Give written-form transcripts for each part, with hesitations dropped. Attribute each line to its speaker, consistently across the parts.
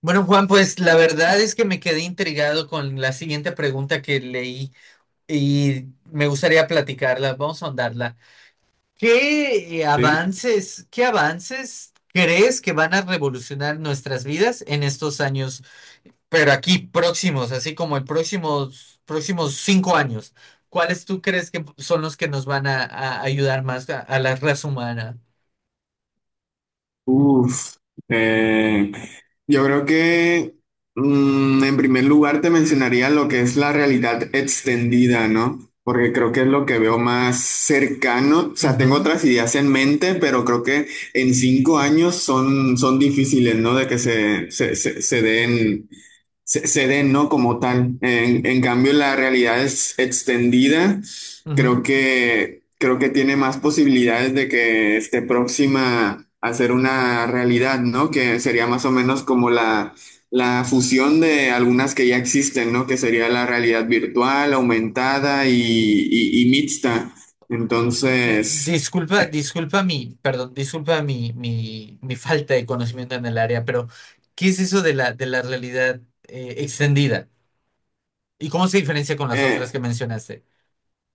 Speaker 1: Bueno, Juan, pues la verdad es que me quedé intrigado con la siguiente pregunta que leí y me gustaría platicarla. Vamos a ahondarla. ¿Qué
Speaker 2: Sí.
Speaker 1: avances, qué avances crees que van a revolucionar nuestras vidas en estos años, pero aquí próximos, así como el próximos 5 años? ¿Cuáles tú crees que son los que nos van a ayudar más a la raza humana?
Speaker 2: Uf, eh, yo creo que en primer lugar te mencionaría lo que es la realidad extendida, ¿no? Porque creo que es lo que veo más cercano. O sea, tengo
Speaker 1: Ujú,
Speaker 2: otras ideas en mente, pero creo que en cinco años son difíciles, ¿no? De que se den. Se den, ¿no? Como tal. En cambio, la realidad es extendida.
Speaker 1: ujú.
Speaker 2: Creo que tiene más posibilidades de que esté próxima a ser una realidad, ¿no? Que sería más o menos como la fusión de algunas que ya existen, ¿no? Que sería la realidad virtual, aumentada y mixta. Entonces,
Speaker 1: Disculpa,
Speaker 2: eh,
Speaker 1: disculpa mi, perdón, disculpa mi falta de conocimiento en el área, pero ¿qué es eso de la realidad extendida? ¿Y cómo se diferencia con las otras
Speaker 2: eh,
Speaker 1: que mencionaste?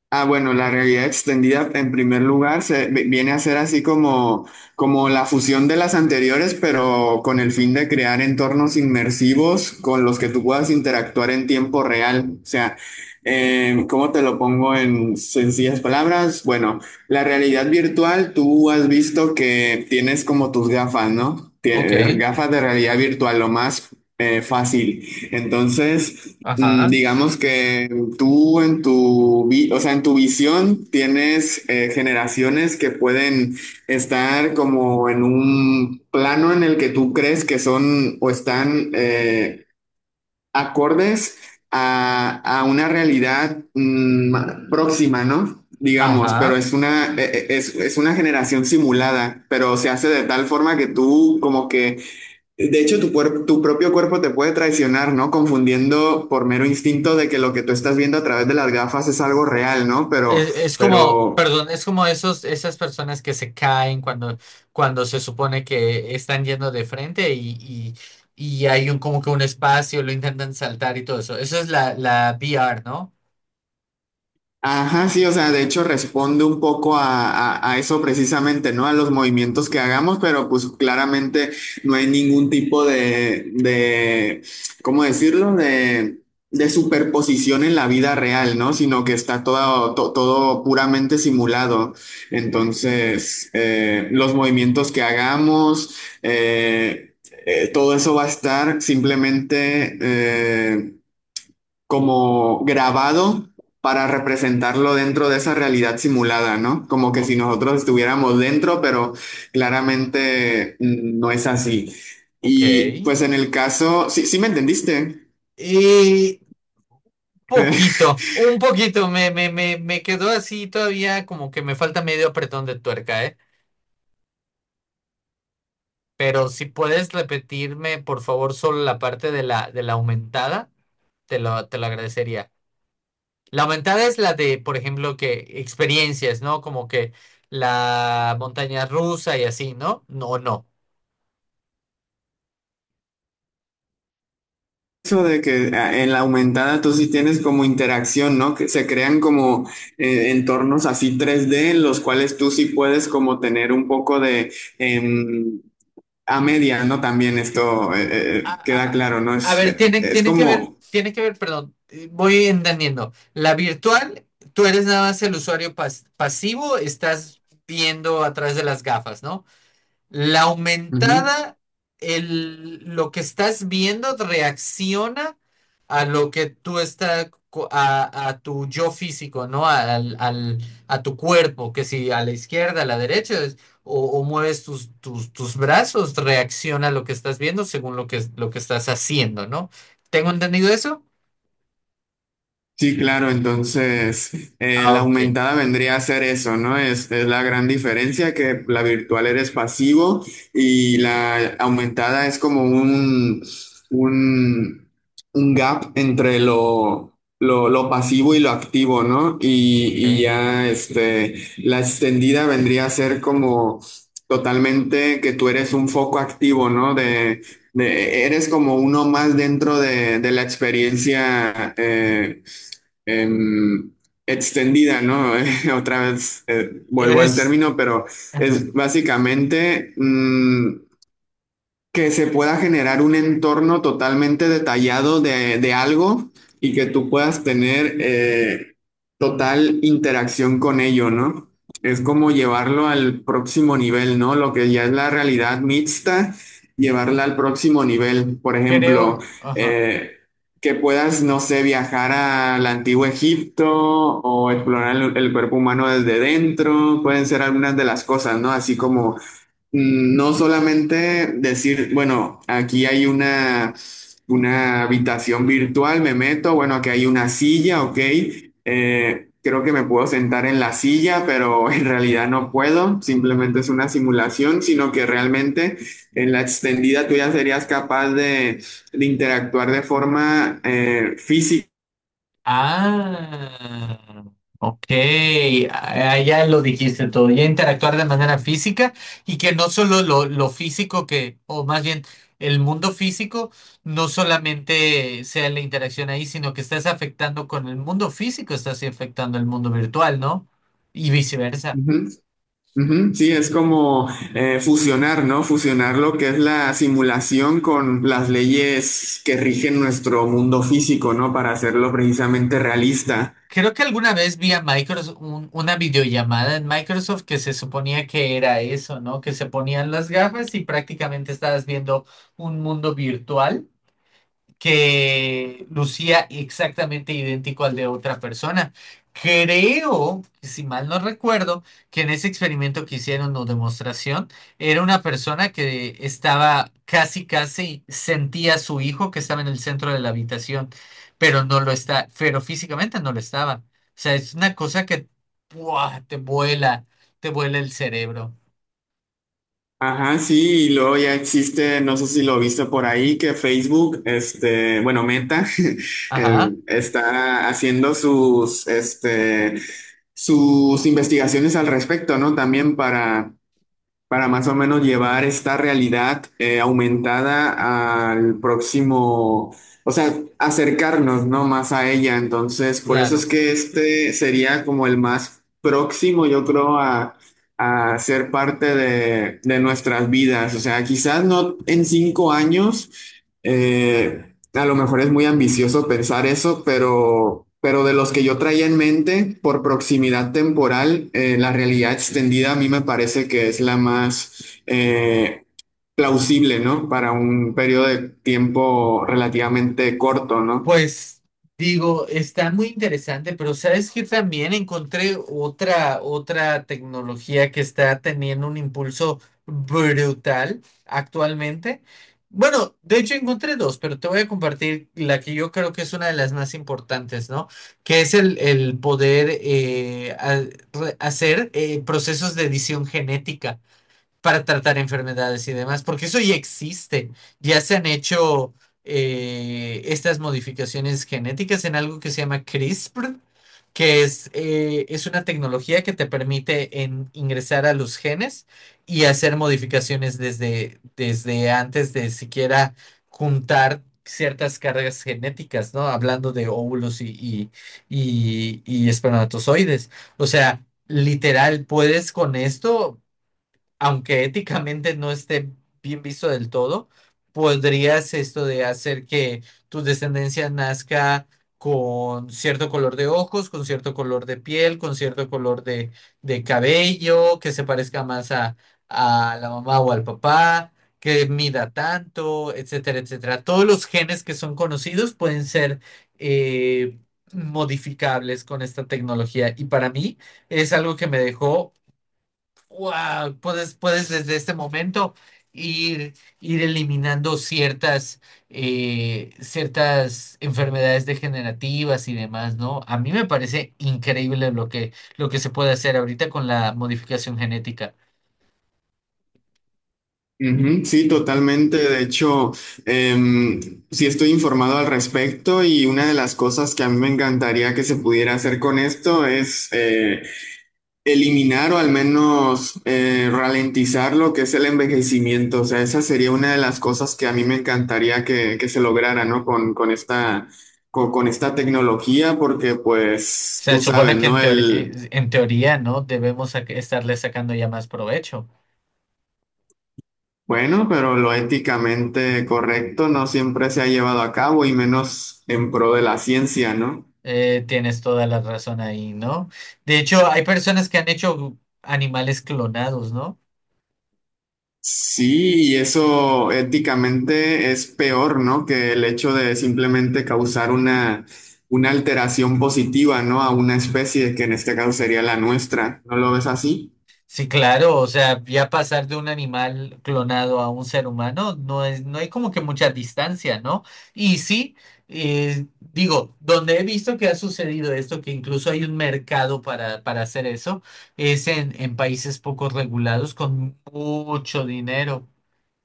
Speaker 2: ah, bueno, la realidad extendida en primer lugar viene a ser así como, como la fusión de las anteriores, pero con el fin de crear entornos inmersivos con los que tú puedas interactuar en tiempo real. O sea, ¿cómo te lo pongo en sencillas palabras? Bueno, la realidad virtual, tú has visto que tienes como tus gafas, ¿no?
Speaker 1: Ok,
Speaker 2: Gafas de realidad virtual, lo más fácil. Entonces...
Speaker 1: ajá,
Speaker 2: digamos que tú en o sea, en tu visión tienes generaciones que pueden estar como en un plano en el que tú crees que son o están acordes a una realidad próxima, ¿no? Digamos, pero
Speaker 1: ajá.
Speaker 2: es es una generación simulada, pero se hace de tal forma que tú como que de hecho, tu propio cuerpo te puede traicionar, ¿no? Confundiendo por mero instinto de que lo que tú estás viendo a través de las gafas es algo real, ¿no? Pero,
Speaker 1: Es como,
Speaker 2: pero
Speaker 1: perdón, es como esos, esas personas que se caen cuando, cuando se supone que están yendo de frente y hay un, como que un espacio, lo intentan saltar y todo eso. Eso es la, la V R, ¿no?
Speaker 2: ajá, sí, o sea, de hecho responde un poco a, a eso precisamente, ¿no? A los movimientos que hagamos, pero pues claramente no hay ningún tipo ¿cómo decirlo? De superposición en la vida real, ¿no? Sino que está todo puramente simulado. Entonces, los movimientos que hagamos, eh, todo eso va a estar simplemente... como grabado para representarlo dentro de esa realidad simulada, ¿no? Como que si
Speaker 1: O-
Speaker 2: nosotros estuviéramos dentro, pero claramente no es así.
Speaker 1: ok.
Speaker 2: Y pues en el caso, sí, sí me entendiste.
Speaker 1: Y
Speaker 2: Eh,
Speaker 1: poquito, un poquito, me quedó así todavía como que me falta medio apretón de tuerca, ¿eh? Pero si puedes repetirme, por favor, solo la parte de la aumentada, te lo agradecería. La aumentada es la de, por ejemplo, que experiencias, ¿no? Como que la montaña rusa y así, ¿no? No, no.
Speaker 2: Eso de que ah, en la aumentada tú sí tienes como interacción, ¿no? Que se crean como entornos así 3D en los cuales tú sí puedes como tener un poco de em, a media, ¿no? También esto
Speaker 1: A,
Speaker 2: queda
Speaker 1: a-
Speaker 2: claro, ¿no?
Speaker 1: a ver, tiene,
Speaker 2: Es como
Speaker 1: tiene que ver, perdón, voy entendiendo. La virtual, tú eres nada más el usuario pasivo, estás viendo a través de las gafas, ¿no? La
Speaker 2: ujú.
Speaker 1: aumentada, el, lo que estás viendo reacciona a lo que tú estás, a tu yo físico, ¿no? A tu cuerpo, que si a la izquierda, a la derecha, o mueves tus brazos, reacciona a lo que estás viendo según lo que estás haciendo, ¿no? ¿Tengo entendido eso?
Speaker 2: Sí, claro, entonces
Speaker 1: Ah,
Speaker 2: la
Speaker 1: ok,
Speaker 2: aumentada vendría a ser eso, ¿no? Es la gran diferencia que la virtual eres pasivo y la aumentada es como un, un gap entre lo, lo pasivo y lo activo, ¿no? Y
Speaker 1: ok.
Speaker 2: ya este, la extendida vendría a ser como totalmente que tú eres un foco activo, ¿no? De, eres como uno más dentro de la experiencia. Em, Extendida, ¿no? Otra vez vuelvo al
Speaker 1: Eres,
Speaker 2: término, pero
Speaker 1: ajá,
Speaker 2: es básicamente que se pueda generar un entorno totalmente detallado de algo y que tú puedas tener total interacción con ello, ¿no? Es como llevarlo al próximo nivel, ¿no? Lo que ya es la realidad mixta, llevarla al próximo nivel. Por ejemplo,
Speaker 1: creo, ajá.
Speaker 2: eh, que puedas, no sé, viajar al antiguo Egipto o explorar el cuerpo humano desde dentro, pueden ser algunas de las cosas, ¿no? Así como no solamente decir, bueno, aquí hay una habitación virtual, me meto, bueno, aquí hay una silla, ok, creo que me puedo sentar en la silla, pero en realidad no puedo, simplemente es una simulación, sino que realmente en la extendida tú ya serías capaz de interactuar de forma física.
Speaker 1: Ah, ok. Ah, ya lo dijiste todo. Ya interactuar de manera física y que no solo lo físico que, o más bien el mundo físico, no solamente sea la interacción ahí, sino que estás afectando con el mundo físico, estás afectando el mundo virtual, ¿no? Y viceversa.
Speaker 2: Ujú, ujú, sí, es como fusionar, ¿no? Fusionar lo que es la simulación con las leyes que rigen nuestro mundo físico, ¿no? Para hacerlo precisamente realista.
Speaker 1: Creo que alguna vez vi a Microsoft una videollamada en Microsoft que se suponía que era eso, ¿no? Que se ponían las gafas y prácticamente estabas viendo un mundo virtual que lucía exactamente idéntico al de otra persona. Creo, si mal no recuerdo, que en ese experimento que hicieron o demostración, era una persona que estaba casi, casi sentía a su hijo que estaba en el centro de la habitación, pero no lo está, pero físicamente no lo estaba. O sea, es una cosa que ¡buah! Te vuela el cerebro.
Speaker 2: Ajá, sí, y luego ya existe, no sé si lo viste por ahí, que Facebook, este, bueno, Meta,
Speaker 1: Ajá,
Speaker 2: está haciendo sus, este, sus investigaciones al respecto, ¿no? También para más o menos llevar esta realidad aumentada al próximo, o sea, acercarnos, ¿no? Más a ella. Entonces, por eso es
Speaker 1: claro.
Speaker 2: que este sería como el más próximo, yo creo, a ser parte de nuestras vidas. O sea, quizás no en cinco años. eh, a lo mejor es muy ambicioso pensar eso, pero de los que yo traía en mente, por proximidad temporal, la realidad extendida a mí me parece que es la más plausible, ¿no? Para un periodo de tiempo relativamente corto, ¿no?
Speaker 1: Pues digo, está muy interesante, pero sabes que también encontré otra, otra tecnología que está teniendo un impulso brutal actualmente. Bueno, de hecho encontré dos, pero te voy a compartir la que yo creo que es una de las más importantes, ¿no? Que es el poder hacer procesos de edición genética para tratar enfermedades y demás, porque eso ya existe. Ya se han hecho estas modificaciones genéticas en algo que se llama CRISPR, que es una tecnología que te permite ingresar a los genes y hacer modificaciones desde, desde antes de siquiera juntar ciertas cargas genéticas, ¿no? Hablando de óvulos y espermatozoides. O sea, literal, puedes con esto, aunque éticamente no esté bien visto del todo, podrías esto de hacer que tu descendencia nazca con cierto color de ojos, con cierto color de piel, con cierto color de cabello, que se parezca más a la mamá o al papá, que mida tanto, etcétera, etcétera. Todos los genes que son conocidos pueden ser eh, modificables con esta tecnología y para mí es algo que me dejó wow. Puedes, puedes desde este momento ir, ir eliminando ciertas, ciertas enfermedades degenerativas y demás, ¿no? A mí me parece increíble lo que se puede hacer ahorita con la modificación genética.
Speaker 2: Ujú, sí, totalmente. De hecho, em, sí estoy informado al respecto y una de las cosas que a mí me encantaría que se pudiera hacer con esto es... eliminar o al menos ralentizar lo que es el envejecimiento. O sea, esa sería una de las cosas que a mí me encantaría que se lograra, ¿no? Con esta tecnología, porque pues
Speaker 1: Se
Speaker 2: tú sabes,
Speaker 1: supone que
Speaker 2: ¿no? El,
Speaker 1: en teoría, ¿no? Estarle sacando ya más provecho.
Speaker 2: bueno, pero lo éticamente correcto no siempre se ha llevado a cabo y menos en pro de la ciencia, ¿no?
Speaker 1: Tienes toda la razón ahí, ¿no? De hecho, hay personas que han hecho animales clonados, ¿no?
Speaker 2: Sí, y eso éticamente es peor, ¿no? Que el hecho de simplemente causar una alteración positiva, ¿no? A una especie, que en este caso sería la nuestra. ¿No lo ves así?
Speaker 1: Sí, claro, o sea, ya pasar de un animal clonado a un ser humano no es, no hay como que mucha distancia, ¿no? Y sí, digo, donde he visto que ha sucedido esto, que incluso hay un mercado para hacer eso, es en países poco regulados con mucho dinero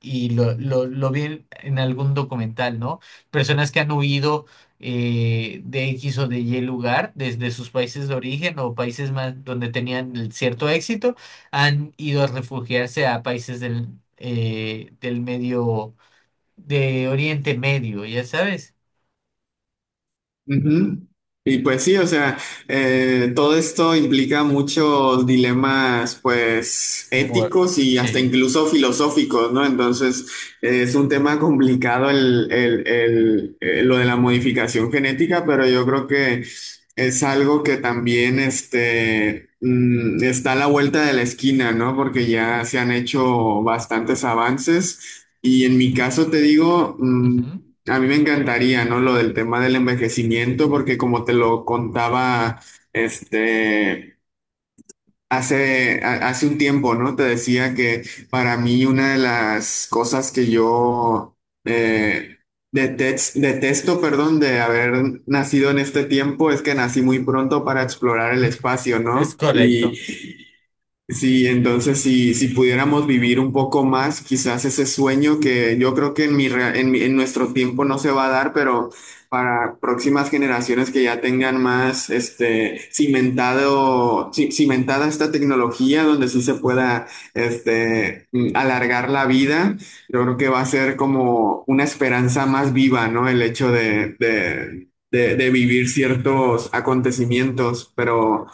Speaker 1: y lo vi en algún documental, ¿no? Personas que han huido de X o de Y lugar desde sus países de origen o países más donde tenían el cierto éxito, han ido a refugiarse a países del, del medio, de Oriente Medio, ya sabes.
Speaker 2: Ujú. Y pues sí, o sea, todo esto implica muchos dilemas, pues,
Speaker 1: Bueno,
Speaker 2: éticos y hasta
Speaker 1: sí.
Speaker 2: incluso filosóficos, ¿no? Entonces, es un tema complicado lo de la modificación genética, pero yo creo que es algo que también, este, está a la vuelta de la esquina, ¿no? Porque ya se han hecho bastantes avances. Y en mi caso te digo, a mí me encantaría, ¿no? Lo del tema del envejecimiento, porque como te lo contaba, este, hace un tiempo, ¿no? Te decía que para mí una de las cosas que yo eh, detesto, perdón, de haber nacido en este tiempo es que nací muy pronto para explorar el
Speaker 1: Ujú, ujú.
Speaker 2: espacio,
Speaker 1: Es
Speaker 2: ¿no? Y
Speaker 1: correcto.
Speaker 2: sí, entonces si pudiéramos vivir un poco más, quizás ese sueño que yo creo que en mi, rea- en mi- en nuestro tiempo no se va a dar, pero para próximas generaciones que ya tengan más este, cimentada esta tecnología donde sí se pueda este, alargar la vida, yo creo que va a ser como una esperanza más viva, ¿no? El hecho de vivir ciertos acontecimientos, pero...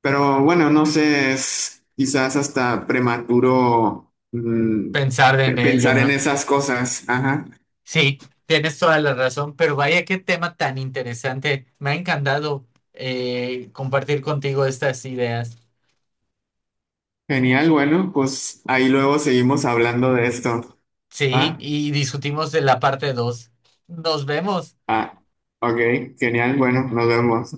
Speaker 2: Pero bueno, no sé, es quizás hasta prematuro
Speaker 1: Pensar en ello,
Speaker 2: pensar en
Speaker 1: ¿no?
Speaker 2: esas cosas. Ajá.
Speaker 1: Sí, tienes toda la razón, pero vaya qué tema tan interesante. Me ha encantado compartir contigo estas ideas.
Speaker 2: Genial, bueno, pues ahí luego seguimos hablando de esto.
Speaker 1: Sí,
Speaker 2: ¿Va?
Speaker 1: y discutimos de la parte 2. Nos vemos.
Speaker 2: Ah, ok, genial, bueno, nos vemos.